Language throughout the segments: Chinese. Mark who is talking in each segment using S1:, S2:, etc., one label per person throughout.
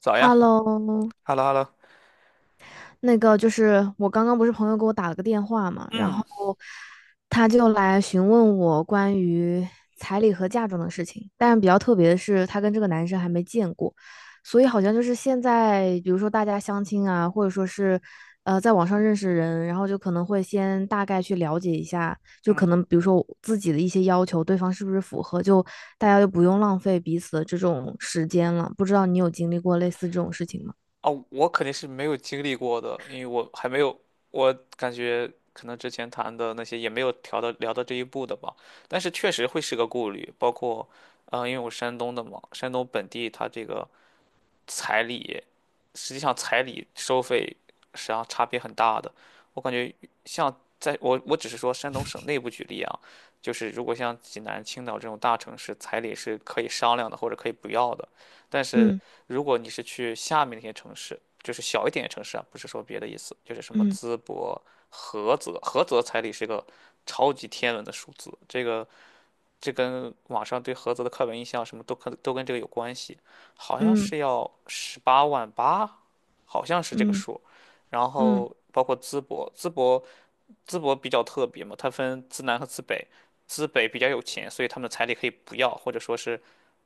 S1: 咋样。
S2: Hello，
S1: 哈喽哈喽，
S2: 那个就是我刚刚不是朋友给我打了个电话嘛，然
S1: 嗯
S2: 后他就来询问我关于彩礼和嫁妆的事情，但是比较特别的是，他跟这个男生还没见过，所以好像就是现在，比如说大家相亲啊，或者说是在网上认识人，然后就可能会先大概去了解一下，就可
S1: 嗯。
S2: 能比如说我自己的一些要求，对方是不是符合，就大家就不用浪费彼此的这种时间了。不知道你有经历过类似这种事情吗？
S1: 哦，我肯定是没有经历过的，因为我还没有，我感觉可能之前谈的那些也没有聊到这一步的吧，但是确实会是个顾虑，包括，因为我山东的嘛，山东本地它这个彩礼，实际上彩礼收费实际上差别很大的。我感觉像我只是说山东省内部举例啊，就是如果像济南、青岛这种大城市，彩礼是可以商量的或者可以不要的。但是
S2: 嗯。
S1: 如果你是去下面那些城市，就是小一点的城市啊，不是说别的意思，就是什么
S2: 嗯
S1: 淄博、菏泽，菏泽彩礼是个超级天文的数字。这个。这跟网上对菏泽的刻板印象什么都跟这个有关系。好像
S2: 嗯
S1: 是要18.8万，好像是这个
S2: 嗯
S1: 数。然
S2: 嗯
S1: 后包括淄博，淄博比较特别嘛，它分淄南和淄北，淄北比较有钱，所以他们的彩礼可以不要，或者说是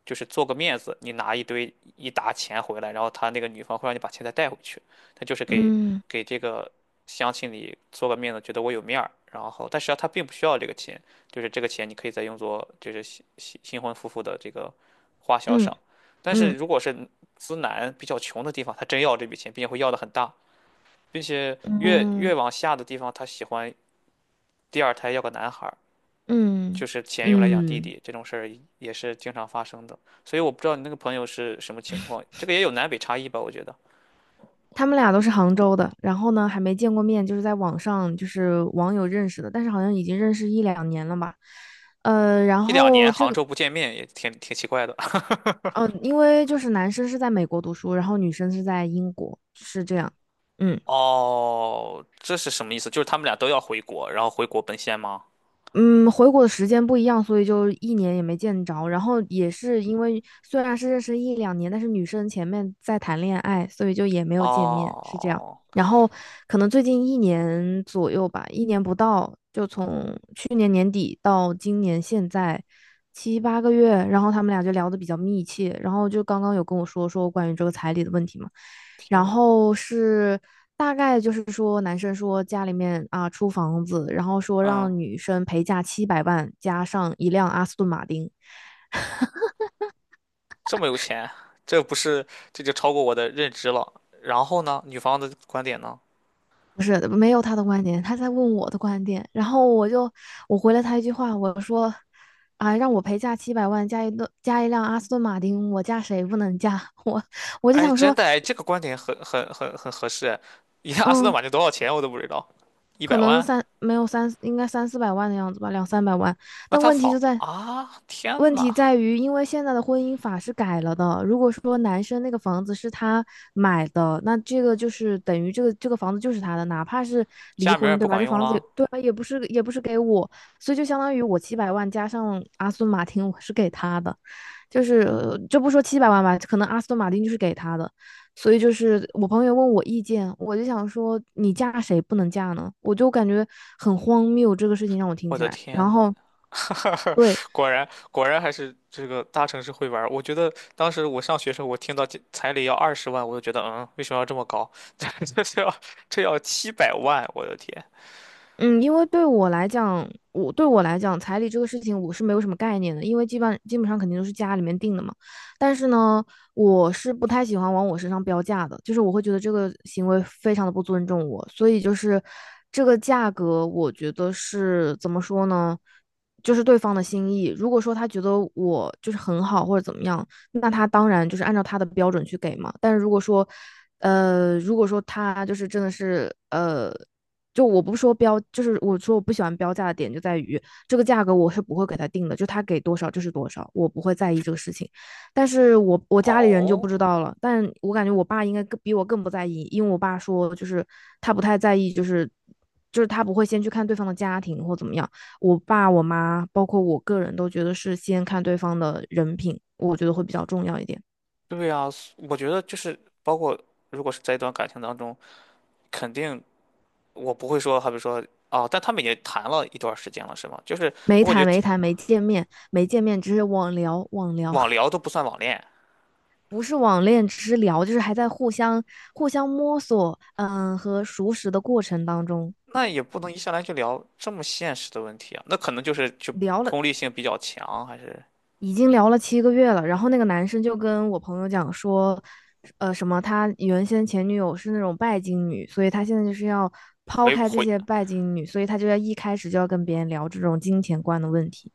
S1: 就是做个面子，你拿一堆一沓钱回来，然后他那个女方会让你把钱再带回去，他就是给
S2: 嗯
S1: 给这个乡亲里做个面子，觉得我有面儿，然后但实际上他并不需要这个钱，就是这个钱你可以再用作就是新婚夫妇的这个花销
S2: 嗯
S1: 上。但是
S2: 嗯
S1: 如果是资南比较穷的地方，他真要这笔钱，并且会要的很大，并且越
S2: 嗯
S1: 越往下的地方，他喜欢第二胎要个男孩儿，就
S2: 嗯
S1: 是钱用来养弟
S2: 嗯，
S1: 弟，这种事儿也是经常发生的。所以我不知道你那个朋友是什么情况，这个也有南北差异吧？我觉得
S2: 他们俩都是杭州的，然后呢还没见过面，就是在网上就是网友认识的，但是好像已经认识一两年了吧。然
S1: 一两年
S2: 后这
S1: 杭
S2: 个
S1: 州不见面也挺奇怪的。
S2: 因为就是男生是在美国读书，然后女生是在英国，是这样。嗯。
S1: 哦，这是什么意思？就是他们俩都要回国，然后回国奔现吗？
S2: 嗯，回国的时间不一样，所以就一年也没见着。然后也是因为虽然是认识一两年，但是女生前面在谈恋爱，所以就也没有见面，是这样。
S1: 哦，
S2: 然后可能最近一年左右吧，一年不到，就从去年年底到今年现在七八个月，然后他们俩就聊得比较密切，然后就刚刚有跟我说说关于这个彩礼的问题嘛。
S1: 天
S2: 然
S1: 呐。
S2: 后是大概就是说，男生说家里面啊出房子，然后说
S1: 嗯，
S2: 让女生陪嫁七百万，加上一辆阿斯顿马丁。
S1: 这么有钱，这不是，这就超过我的认知了。然后呢，女方的观点呢？
S2: 不是，没有他的观点，他在问我的观点。然后我回了他一句话，我说啊，让我陪嫁七百万，加一辆阿斯顿马丁，我嫁谁不能嫁？我我就
S1: 哎，
S2: 想
S1: 真
S2: 说，
S1: 的哎，这个观点很合适。你看，阿斯顿
S2: 嗯，
S1: 马丁多少钱我都不知道，一
S2: 可
S1: 百
S2: 能
S1: 万？
S2: 三没有三，应该三四百万的样子吧，两三百万。
S1: 那
S2: 但
S1: 他仿啊！天
S2: 问题
S1: 呐，
S2: 在于，因为现在的婚姻法是改了的。如果说男生那个房子是他买的，那这个就是等于这个房子就是他的，哪怕是离
S1: 加名儿也
S2: 婚，对
S1: 不
S2: 吧？
S1: 管
S2: 这
S1: 用
S2: 房子也
S1: 了。
S2: 对吧，也不是给我，所以就相当于我七百万加上阿斯顿马丁，我是给他的。就是就不说七百万吧，可能阿斯顿马丁就是给他的，所以就是我朋友问我意见，我就想说你嫁谁不能嫁呢？我就感觉很荒谬，这个事情让我听
S1: 我
S2: 起
S1: 的
S2: 来。
S1: 天
S2: 然
S1: 呐。
S2: 后，对，
S1: 果然还是这个大城市会玩儿。我觉得当时我上学时候，我听到这彩礼要20万，我就觉得为什么要这么高？这这要这要700万，我的天！
S2: 嗯，因为对我来讲，彩礼这个事情我是没有什么概念的，因为基本上肯定都是家里面定的嘛。但是呢，我是不太喜欢往我身上标价的，就是我会觉得这个行为非常的不尊重我，所以就是这个价格，我觉得是怎么说呢，就是对方的心意。如果说他觉得我就是很好或者怎么样，那他当然就是按照他的标准去给嘛。但是如果说他就是真的是。就我不说标，就是我说我不喜欢标价的点就在于这个价格我是不会给他定的，就他给多少就是多少，我不会在意这个事情。但是我家里人就
S1: 哦，
S2: 不知道了，但我感觉我爸应该更比我更不在意，因为我爸说就是他不太在意，就是他不会先去看对方的家庭或怎么样。我爸我妈包括我个人都觉得是先看对方的人品，我觉得会比较重要一点。
S1: 对呀，我觉得就是包括如果是在一段感情当中，肯定我不会说，好比说啊，但他们已经谈了一段时间了，是吗？就是
S2: 没
S1: 我感觉
S2: 谈没
S1: 这
S2: 谈没见面没见面，只是网聊网聊。
S1: 网聊都不算网恋，
S2: 不是网恋，只是聊，就是还在互相摸索，嗯，和熟识的过程当中，
S1: 那也不能一上来就聊这么现实的问题啊。那可能就
S2: 聊了
S1: 功利性比较强，还是
S2: 已经聊了7个月了。然后那个男生就跟我朋友讲说，什么他原先前女友是那种拜金女，所以他现在就是要抛
S1: 回
S2: 开这
S1: 回
S2: 些拜金女，所以他就要一开始就要跟别人聊这种金钱观的问题。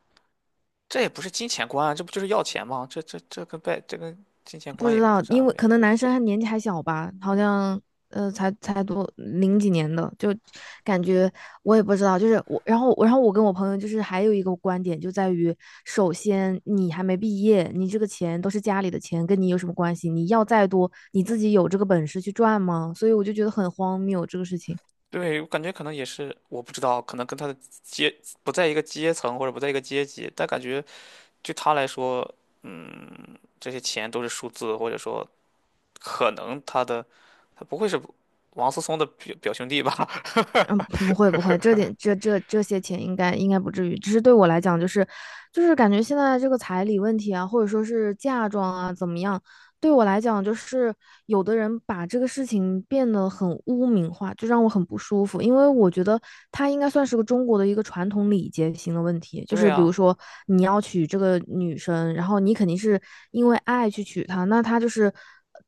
S1: 这也不是金钱观啊，这不就是要钱吗？这跟金钱
S2: 不
S1: 观
S2: 知
S1: 也不
S2: 道，
S1: 沾
S2: 因为
S1: 边。
S2: 可能男生还年纪还小吧，好像才多零几年的，就感觉我也不知道。就是我，然后我跟我朋友就是还有一个观点就在于，首先你还没毕业，你这个钱都是家里的钱，跟你有什么关系？你要再多，你自己有这个本事去赚吗？所以我就觉得很荒谬这个事情。
S1: 对，我感觉可能也是，我不知道，可能跟他的阶不在一个阶层或者不在一个阶级，但感觉对他来说，嗯，这些钱都是数字，或者说可能他不会是王思聪的表兄弟吧？
S2: 嗯，不会不会，这 点这些钱应该不至于，只是对我来讲，就是感觉现在这个彩礼问题啊，或者说是嫁妆啊怎么样，对我来讲，就是有的人把这个事情变得很污名化，就让我很不舒服，因为我觉得它应该算是个中国的一个传统礼节型的问题，就
S1: 对
S2: 是比如
S1: 呀，
S2: 说你要娶这个女生，然后你肯定是因为爱去娶她，那她就是。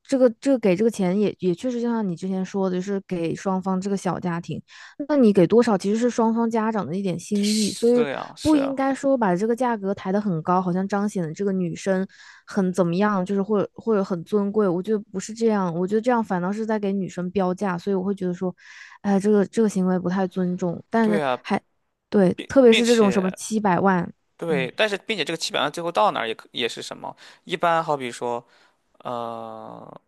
S2: 这个这个给这个钱也也确实，就像你之前说的，就是给双方这个小家庭。那你给多少其实是双方家长的一点心意，所以
S1: 是呀，
S2: 不
S1: 是
S2: 应
S1: 呀，
S2: 该说把这个价格抬得很高，好像彰显了这个女生很怎么样，就是或者或者很尊贵。我觉得不是这样，我觉得这样反倒是在给女生标价，所以我会觉得说，哎，这个这个行为不太尊重。但
S1: 对
S2: 是
S1: 呀，
S2: 还对，
S1: 并
S2: 特别
S1: 并
S2: 是这种什么
S1: 且
S2: 七百万，
S1: 对，但是并且这个七百万最后到哪儿也是什么？一般好比说。呃，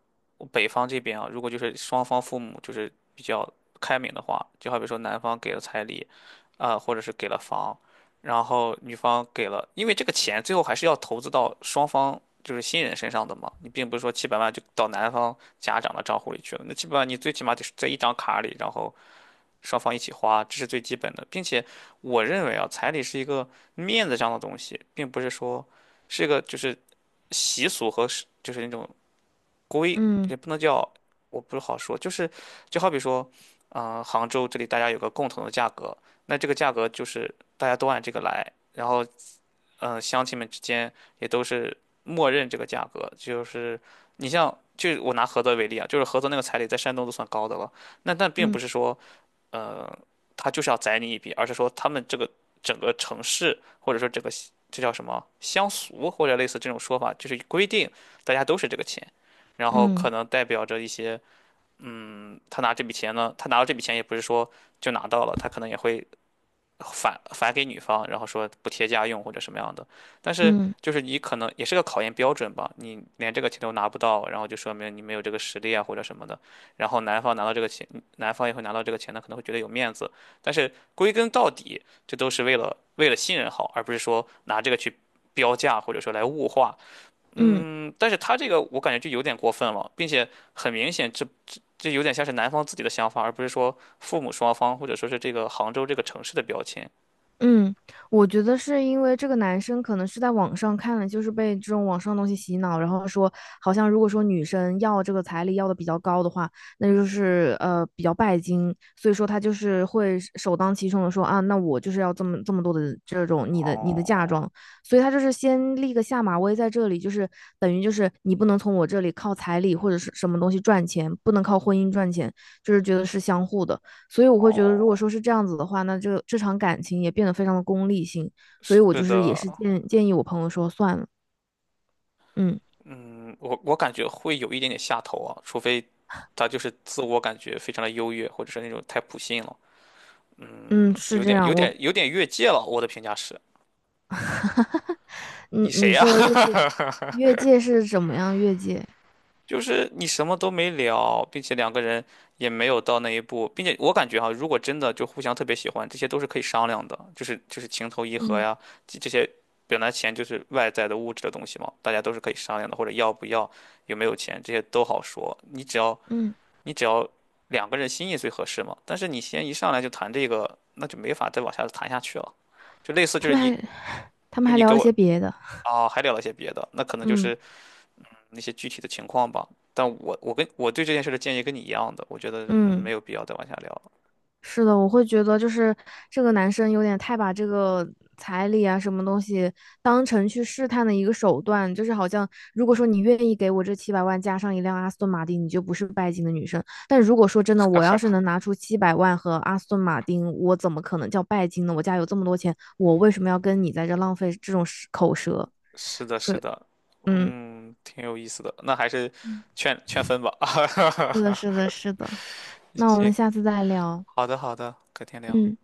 S1: 北方这边啊，如果就是双方父母就是比较开明的话，就好比说男方给了彩礼，啊、或者是给了房，然后女方给了，因为这个钱最后还是要投资到双方就是新人身上的嘛，你并不是说七百万就到男方家长的账户里去了，那七百万你最起码得是在一张卡里，然后双方一起花，这是最基本的。并且我认为啊，彩礼是一个面子上的东西，并不是说是一个就是习俗和是就是那种。规
S2: 嗯
S1: 也不能叫，我不是好说，就好比说，啊、杭州这里大家有个共同的价格，那这个价格就是大家都按这个来，然后，乡亲们之间也都是默认这个价格。就是你像，就我拿菏泽为例啊，就是菏泽那个彩礼在山东都算高的了，那但并不
S2: 嗯
S1: 是说。呃，他就是要宰你一笔，而是说他们这个整个城市或者说这个这叫什么乡俗或者类似这种说法，就是规定大家都是这个钱，然后
S2: 嗯
S1: 可能代表着一些，他拿这笔钱呢，他拿到这笔钱也不是说就拿到了，他可能也会返给女方，然后说补贴家用或者什么样的。
S2: 嗯
S1: 但是
S2: 嗯嗯。
S1: 就是你可能也是个考验标准吧，你连这个钱都拿不到，然后就说明你没有这个实力啊或者什么的。然后男方拿到这个钱，男方也会拿到这个钱呢，可能会觉得有面子。但是归根到底，这都是为了信任好，而不是说拿这个去标价或者说来物化。
S2: 嗯
S1: 嗯但是他这个我感觉就有点过分了，并且很明显这有点像是男方自己的想法，而不是说父母双方或者说是这个杭州这个城市的标签。
S2: 嗯，我觉得是因为这个男生可能是在网上看了，就是被这种网上的东西洗脑，然后说好像如果说女生要这个彩礼要的比较高的话，那就是比较拜金，所以说他就是会是首当其冲的说啊，那我就是要这么多的这种你的嫁
S1: 哦
S2: 妆，所以他就是先立个下马威在这里，就是等于就是你不能从我这里靠彩礼或者是什么东西赚钱，不能靠婚姻赚钱，就是觉得是相互的。所以我会觉得，如
S1: 哦，
S2: 果说是这样子的话，那这场感情也变得非常的功利性。所
S1: 是
S2: 以我就是也是
S1: 的。
S2: 建议我朋友说算了，嗯
S1: 嗯，我感觉会有一点点下头啊，除非他就是自我感觉非常的优越，或者是那种太普信了，
S2: 嗯，是
S1: 有
S2: 这
S1: 点有
S2: 样。我
S1: 点有点越界了。我的评价是，
S2: 你
S1: 你谁
S2: 你
S1: 呀、
S2: 说的越界，越界是怎么样越界？
S1: 就是你什么都没聊，并且两个人也没有到那一步，并且我感觉哈、如果真的就互相特别喜欢，这些都是可以商量的，就是情投意合
S2: 嗯
S1: 呀，这些本来钱就是外在的物质的东西嘛，大家都是可以商量的，或者要不要，有没有钱，这些都好说，你只要。
S2: 嗯，
S1: 你只要两个人心意最合适嘛。但是你先一上来就谈这个，那就没法再往下谈下去了。就类似就
S2: 他
S1: 是
S2: 们
S1: 你，
S2: 还 他们
S1: 就
S2: 还
S1: 你
S2: 聊
S1: 给
S2: 了
S1: 我
S2: 些别的，
S1: 啊，还聊了些别的，那可能就
S2: 嗯
S1: 是那些具体的情况吧。但我对这件事的建议跟你一样的，我觉得没
S2: 嗯。
S1: 有必要再往下聊了。
S2: 是的，我会觉得就是这个男生有点太把这个彩礼啊什么东西当成去试探的一个手段，就是好像如果说你愿意给我这七百万加上一辆阿斯顿马丁，你就不是拜金的女生。但如果说真的，我要是能拿出七百万和阿斯顿马丁，我怎么可能叫拜金呢？我家有这么多钱，我为什么要跟你在这浪费这种舌口舌？
S1: 是的，
S2: 所
S1: 是
S2: 以，
S1: 的。
S2: 嗯
S1: 嗯，挺有意思的。那还是
S2: 嗯，
S1: 劝劝分吧。
S2: 是的，是的，是的。那我们
S1: 行，
S2: 下次再聊。
S1: 好的，好的，改天聊。
S2: 嗯。